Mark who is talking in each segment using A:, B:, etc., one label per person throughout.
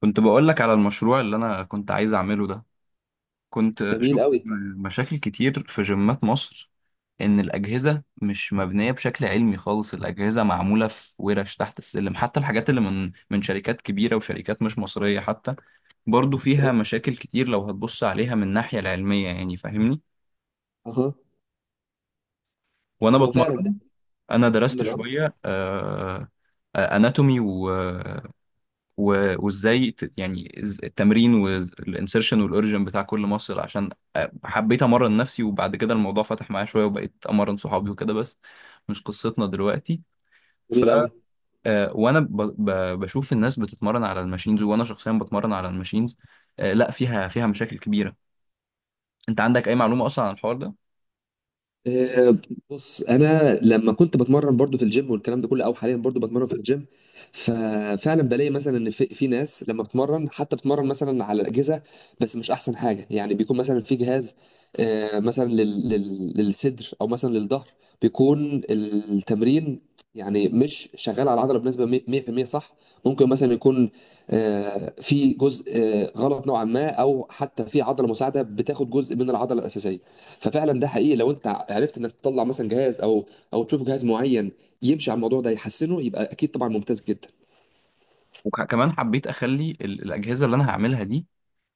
A: كنت بقول لك على المشروع اللي انا كنت عايز اعمله ده. كنت
B: جميل
A: شفت
B: قوي.
A: مشاكل كتير في جيمات مصر، ان الاجهزه مش مبنيه بشكل علمي خالص. الاجهزه معموله في ورش تحت السلم، حتى الحاجات اللي من شركات كبيره وشركات مش مصريه حتى برضو فيها مشاكل كتير لو هتبص عليها من الناحيه العلميه، يعني فاهمني.
B: اها،
A: وانا
B: هو فعلا ده.
A: بتمرن انا درست
B: كمل، اه.
A: شويه اناتومي، وازاي التمرين والانسرشن والاوريجن بتاع كل مصل، عشان حبيت امرن نفسي. وبعد كده الموضوع فتح معايا شويه وبقيت امرن صحابي وكده، بس مش قصتنا دلوقتي. ف
B: جميل قوي.
A: آه، وانا ب... ب... بشوف الناس بتتمرن على الماشينز، وانا شخصيا بتمرن على الماشينز. لا، فيها مشاكل كبيره. انت عندك اي معلومه اصلا عن الحوار ده؟
B: آه، بص انا لما كنت بتمرن برضو في الجيم والكلام ده كله، او حاليا برضو بتمرن في الجيم، ففعلا بلاقي مثلا ان في ناس لما بتمرن حتى بتمرن مثلا على الاجهزه، بس مش احسن حاجه، يعني بيكون مثلا في جهاز مثلا للصدر او مثلا للظهر، بيكون التمرين يعني مش شغال على العضله بنسبه 100% صح. ممكن مثلا يكون في جزء غلط نوعا ما، او حتى في عضله مساعده بتاخد جزء من العضله الاساسيه. ففعلا ده حقيقي، لو انت عرفت انك تطلع مثلا جهاز او تشوف جهاز معين يمشي على الموضوع ده يحسنه، يبقى اكيد طبعا ممتاز جدا.
A: وكمان حبيت اخلي الاجهزه اللي انا هعملها دي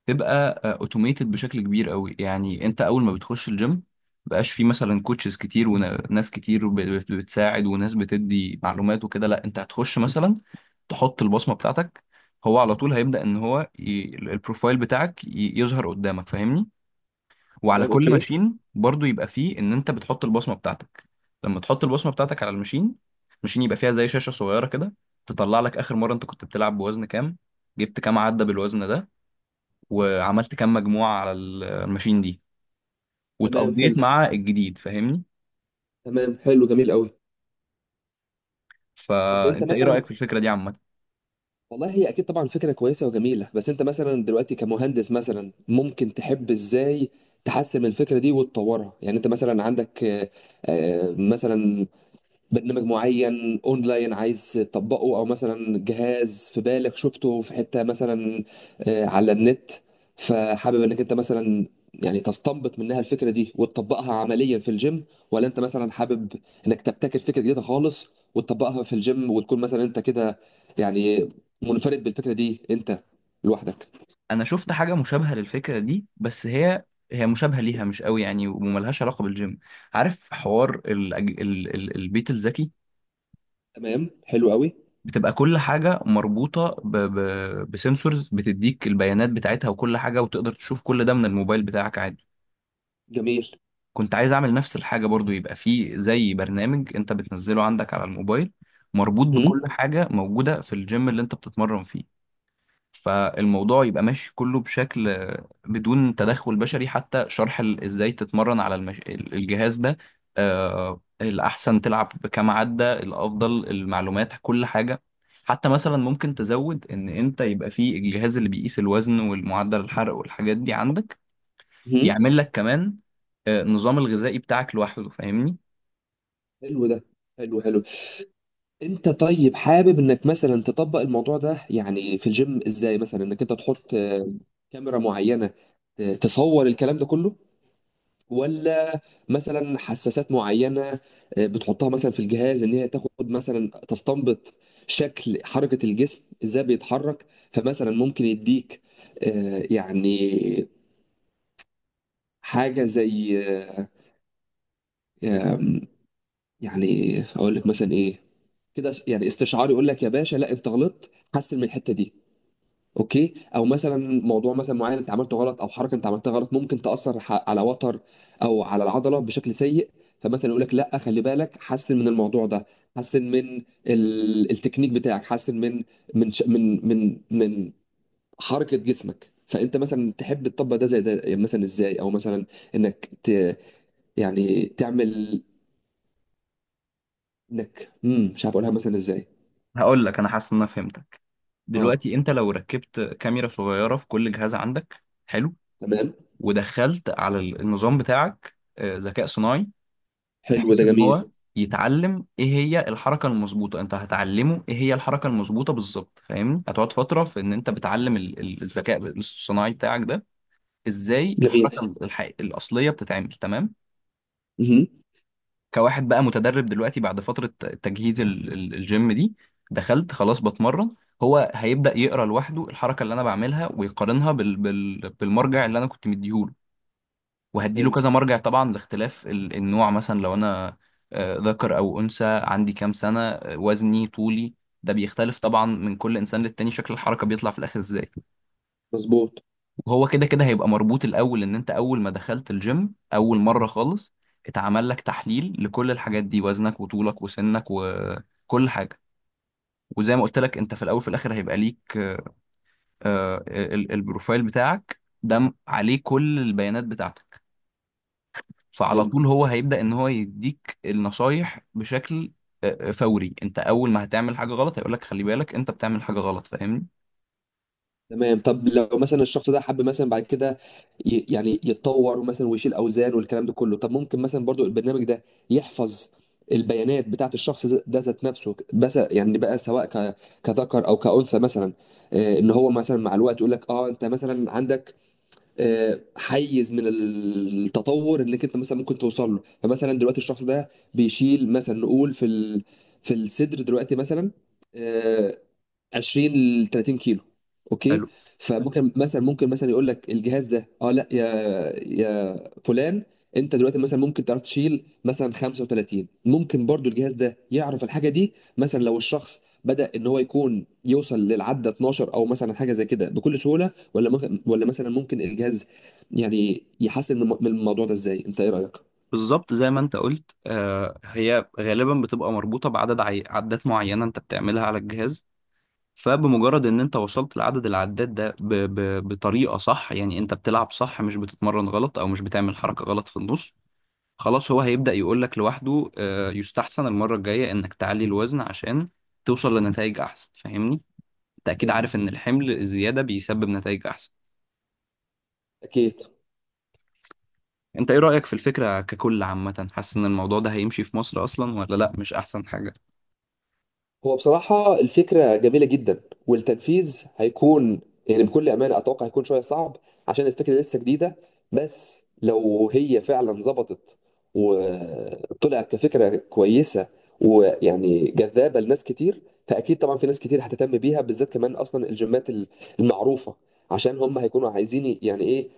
A: تبقى اوتوميتد بشكل كبير قوي. يعني انت اول ما بتخش الجيم مبقاش في مثلا كوتشز كتير وناس كتير بتساعد وناس بتدي معلومات وكده. لا، انت هتخش مثلا تحط البصمة بتاعتك، هو على طول هيبدأ ان هو البروفايل بتاعك يظهر قدامك، فاهمني؟ وعلى
B: تمام
A: كل
B: اوكي.
A: ماشين برضو يبقى فيه ان انت بتحط البصمة بتاعتك. لما تحط البصمة بتاعتك على الماشين، الماشين يبقى فيها زي شاشة صغيرة كده، تطلع لك اخر مرة انت كنت بتلعب بوزن كام، جبت كام عدى بالوزن ده، وعملت كام مجموعة على الماشين دي
B: تمام حلو.
A: واتقضيت مع الجديد، فاهمني؟
B: تمام حلو، جميل قوي. طب انت
A: فانت ايه رأيك
B: مثلا،
A: في الفكرة دي عامة؟
B: والله هي اكيد طبعا فكره كويسه وجميله، بس انت مثلا دلوقتي كمهندس مثلا ممكن تحب ازاي تحسن من الفكره دي وتطورها، يعني انت مثلا عندك مثلا برنامج معين اونلاين عايز تطبقه، او مثلا جهاز في بالك شفته في حتة مثلا على النت، فحابب انك انت مثلا يعني تستنبط منها الفكرة دي وتطبقها عمليا في الجيم، ولا انت مثلا حابب انك تبتكر فكرة جديدة خالص وتطبقها في الجيم، وتكون مثلا انت كده يعني منفرد بالفكرة دي انت لوحدك.
A: انا شفت حاجة مشابهة للفكرة دي، بس هي مشابهة ليها مش قوي يعني، وملهاش علاقة بالجيم. عارف حوار البيت الذكي؟
B: تمام حلو قوي.
A: بتبقى كل حاجة مربوطة بسنسورز بتديك البيانات بتاعتها وكل حاجة، وتقدر تشوف كل ده من الموبايل بتاعك عادي.
B: جميل.
A: كنت عايز اعمل نفس الحاجة، برضو يبقى فيه زي برنامج انت بتنزله عندك على الموبايل مربوط
B: مهم.
A: بكل حاجة موجودة في الجيم اللي انت بتتمرن فيه. فالموضوع يبقى ماشي كله بشكل بدون تدخل بشري، حتى شرح ازاي تتمرن على الجهاز ده، الأحسن تلعب بكام عدة، الأفضل، المعلومات، كل حاجة. حتى مثلا ممكن تزود ان انت يبقى فيه الجهاز اللي بيقيس الوزن والمعدل الحرق والحاجات دي عندك،
B: مهم.
A: يعمل لك كمان النظام الغذائي بتاعك لوحده، فاهمني؟
B: حلو ده. حلو حلو. انت طيب حابب انك مثلا تطبق الموضوع ده يعني في الجيم ازاي، مثلا انك انت تحط كاميرا معينة تصور الكلام ده كله، ولا مثلا حساسات معينة بتحطها مثلا في الجهاز ان هي تاخد مثلا تستنبط شكل حركة الجسم ازاي بيتحرك، فمثلا ممكن يديك يعني حاجة زي آه، آم، يعني اقول لك مثلا ايه، كده يعني استشعار يقول لك يا باشا لا انت غلطت، حسن من الحتة دي، اوكي. او مثلا موضوع مثلا معين انت عملته غلط، او حركه انت عملتها غلط ممكن تاثر على وتر او على العضله بشكل سيء، فمثلا يقول لك لا خلي بالك، حسن من الموضوع ده، حسن من التكنيك بتاعك، حسن من من ش... من من من حركه جسمك. فانت مثلا تحب تطبق ده زي ده يعني مثلا ازاي، او مثلا انك ت... يعني تعمل انك مش عارف اقولها مثلا ازاي.
A: هقول لك انا حاسس ان انا فهمتك.
B: اه،
A: دلوقتي انت لو ركبت كاميرا صغيره في كل جهاز عندك حلو،
B: تمام.
A: ودخلت على النظام بتاعك ذكاء صناعي،
B: حلو
A: بحيث
B: ده،
A: ان
B: جميل.
A: هو يتعلم ايه هي الحركه المظبوطه. انت هتعلمه ايه هي الحركه المظبوطه بالظبط، فاهمني؟ هتقعد فتره في ان انت بتعلم الذكاء الصناعي بتاعك ده ازاي
B: جميل.
A: الحركه الحقيقية الاصليه بتتعمل، تمام.
B: مهم.
A: كواحد بقى متدرب دلوقتي بعد فترة تجهيز الجيم دي، دخلت خلاص بتمرن، هو هيبدأ يقرأ لوحده الحركة اللي أنا بعملها ويقارنها بالمرجع اللي أنا كنت مديهوله. وهديله
B: حلو.
A: كذا مرجع طبعا لاختلاف النوع، مثلا لو أنا ذكر أو أنثى، عندي كام سنة، وزني، طولي. ده بيختلف طبعا من كل إنسان للتاني شكل الحركة بيطلع في الآخر إزاي.
B: مظبوط.
A: هو كده كده هيبقى مربوط الاول، ان انت اول ما دخلت الجيم اول مره خالص اتعمل لك تحليل لكل الحاجات دي، وزنك وطولك وسنك وكل حاجه. وزي ما قلت لك انت في الاول في الاخر هيبقى ليك آه، البروفايل بتاعك ده عليه كل البيانات بتاعتك. فعلى
B: حلو.
A: طول هو هيبدا ان هو يديك النصايح بشكل فوري. انت اول ما هتعمل حاجه غلط هيقول لك خلي بالك انت بتعمل حاجه غلط، فاهمني؟
B: تمام، طب لو مثلا الشخص ده حب مثلا بعد كده يعني يتطور مثلا ويشيل اوزان والكلام ده كله، طب ممكن مثلا برضو البرنامج ده يحفظ البيانات بتاعت الشخص ده ذات نفسه، بس يعني بقى سواء كذكر او كأنثى مثلا، ان هو مثلا مع الوقت يقول لك انت مثلا عندك حيز من التطور انك انت مثلا ممكن توصل له، فمثلا دلوقتي الشخص ده بيشيل مثلا، نقول في في الصدر دلوقتي مثلا آه، 20 ل 30 كيلو، اوكي، فممكن مثلا ممكن مثلا يقول لك الجهاز ده اه لا يا يا فلان، انت دلوقتي مثلا ممكن تعرف تشيل مثلا 35، ممكن برضو الجهاز ده يعرف الحاجه دي مثلا، لو الشخص بدأ ان هو يكون يوصل للعدة 12 او مثلا حاجه زي كده بكل سهوله، ولا ممكن، ولا مثلا ممكن الجهاز يعني يحسن من الموضوع ده ازاي؟ انت ايه رأيك؟
A: بالظبط زي ما انت قلت، هي غالبا بتبقى مربوطة بعدد عدات معينة انت بتعملها على الجهاز. فبمجرد ان انت وصلت لعدد العدات ده بطريقة صح، يعني انت بتلعب صح، مش بتتمرن غلط او مش بتعمل حركة غلط في النص، خلاص هو هيبدأ يقولك لوحده يستحسن المرة الجاية انك تعلي الوزن عشان توصل لنتائج احسن، فاهمني؟ انت اكيد
B: حلو.
A: عارف ان الحمل الزيادة بيسبب نتائج احسن.
B: اكيد.
A: انت ايه رأيك في الفكرة ككل عامة؟ حاسس ان الموضوع ده هيمشي في مصر اصلا ولا لا؟ مش احسن حاجة؟
B: هو بصراحة الفكرة جميلة جدا، والتنفيذ هيكون يعني بكل أمانة أتوقع هيكون شوية صعب عشان الفكرة لسه جديدة، بس لو هي فعلا ظبطت وطلعت كفكرة كويسة ويعني جذابة لناس كتير، فأكيد طبعا في ناس كتير هتهتم بيها، بالذات كمان أصلا الجيمات المعروفة، عشان هم هيكونوا عايزين يعني إيه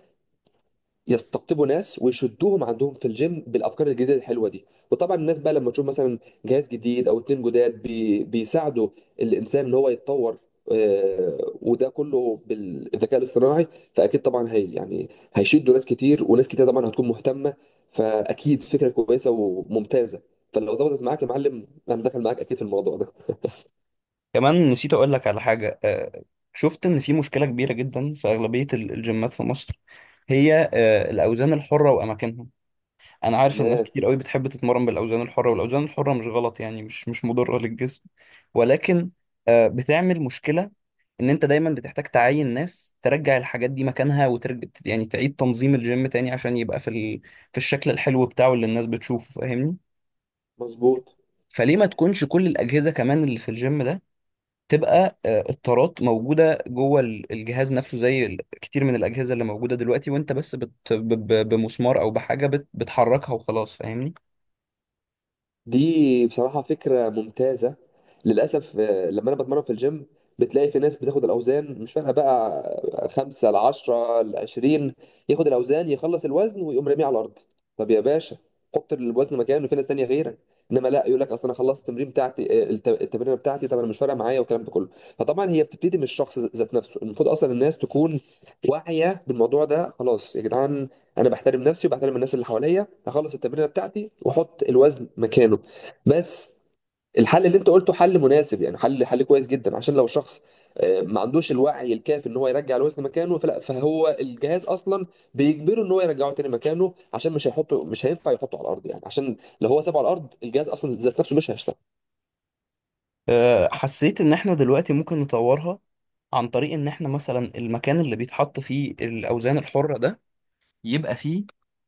B: يستقطبوا ناس ويشدوهم عندهم في الجيم بالافكار الجديده الحلوه دي. وطبعا الناس بقى لما تشوف مثلا جهاز جديد او اتنين جداد بيساعدوا الانسان ان هو يتطور، وده كله بالذكاء الاصطناعي، فاكيد طبعا هي يعني هيشدوا ناس كتير، وناس كتير طبعا هتكون مهتمه، فاكيد فكره كويسه وممتازه، فلو ظبطت معاك يا معلم انا داخل معاك اكيد في الموضوع ده.
A: كمان نسيت اقول لك على حاجه، شفت ان في مشكله كبيره جدا في اغلبيه الجيمات في مصر، هي الاوزان الحره واماكنها. انا عارف ان ناس
B: تمام.
A: كتير قوي بتحب تتمرن بالاوزان الحره، والاوزان الحره مش غلط يعني، مش مضره للجسم، ولكن بتعمل مشكله ان انت دايما بتحتاج تعين ناس ترجع الحاجات دي مكانها، وترجع يعني تعيد تنظيم الجيم تاني عشان يبقى في في الشكل الحلو بتاعه اللي الناس بتشوفه، فاهمني؟
B: مظبوط.
A: فليه ما تكونش كل الاجهزه كمان اللي في الجيم ده تبقى التارات موجودة جوه الجهاز نفسه، زي كتير من الأجهزة اللي موجودة دلوقتي، وأنت بس بمسمار أو بحاجة بتحركها وخلاص، فاهمني؟
B: دي بصراحة فكرة ممتازة. للأسف لما أنا بتمرن في الجيم بتلاقي في ناس بتاخد الأوزان مش فارقة بقى، 5 ل10 ل20، ياخد الأوزان يخلص الوزن ويقوم راميه على الأرض. طب يا باشا، حط الوزن مكانه، في ناس تانية غيرك. إنما لا، يقول لك أصل أنا خلصت التمرين بتاعتي، التمرينة بتاعتي، طب أنا مش فارقة معايا والكلام ده كله. فطبعا هي بتبتدي من الشخص ذات نفسه، المفروض أصلا الناس تكون واعية بالموضوع ده. خلاص يا جدعان، انا بحترم نفسي وبحترم الناس اللي حواليا، هخلص التمرينه بتاعتي واحط الوزن مكانه، بس. الحل اللي انت قلته حل مناسب، يعني حل حل كويس جدا، عشان لو شخص ما عندوش الوعي الكافي ان هو يرجع الوزن مكانه، فلا، فهو الجهاز اصلا بيجبره ان هو يرجعه تاني مكانه، عشان مش هيحطه، مش هينفع يحطه على الارض، يعني عشان لو هو سابه على الارض الجهاز اصلا ذات نفسه مش هيشتغل.
A: حسيت إن إحنا دلوقتي ممكن نطورها عن طريق إن إحنا مثلا المكان اللي بيتحط فيه الأوزان الحرة ده يبقى فيه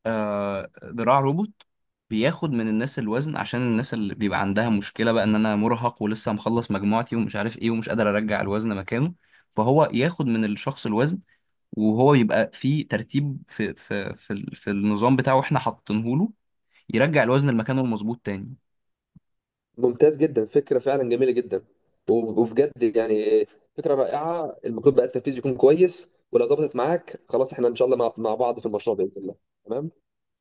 A: ذراع روبوت بياخد من الناس الوزن، عشان الناس اللي بيبقى عندها مشكلة بقى إن أنا مرهق ولسه مخلص مجموعتي ومش عارف إيه ومش قادر أرجع الوزن مكانه، فهو ياخد من الشخص الوزن. وهو بيبقى في ترتيب في النظام بتاعه احنا حاطينه له، يرجع الوزن لمكانه المظبوط تاني.
B: ممتاز جدا، فكرة فعلا جميلة جدا، وبجد يعني فكرة رائعة. المفروض بقى التنفيذ يكون كويس، ولو ظبطت معاك خلاص احنا ان شاء الله مع بعض في المشروع بإذن الله. تمام.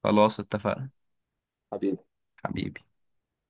A: خلاص اتفقنا،
B: حبيبي.
A: حبيبي.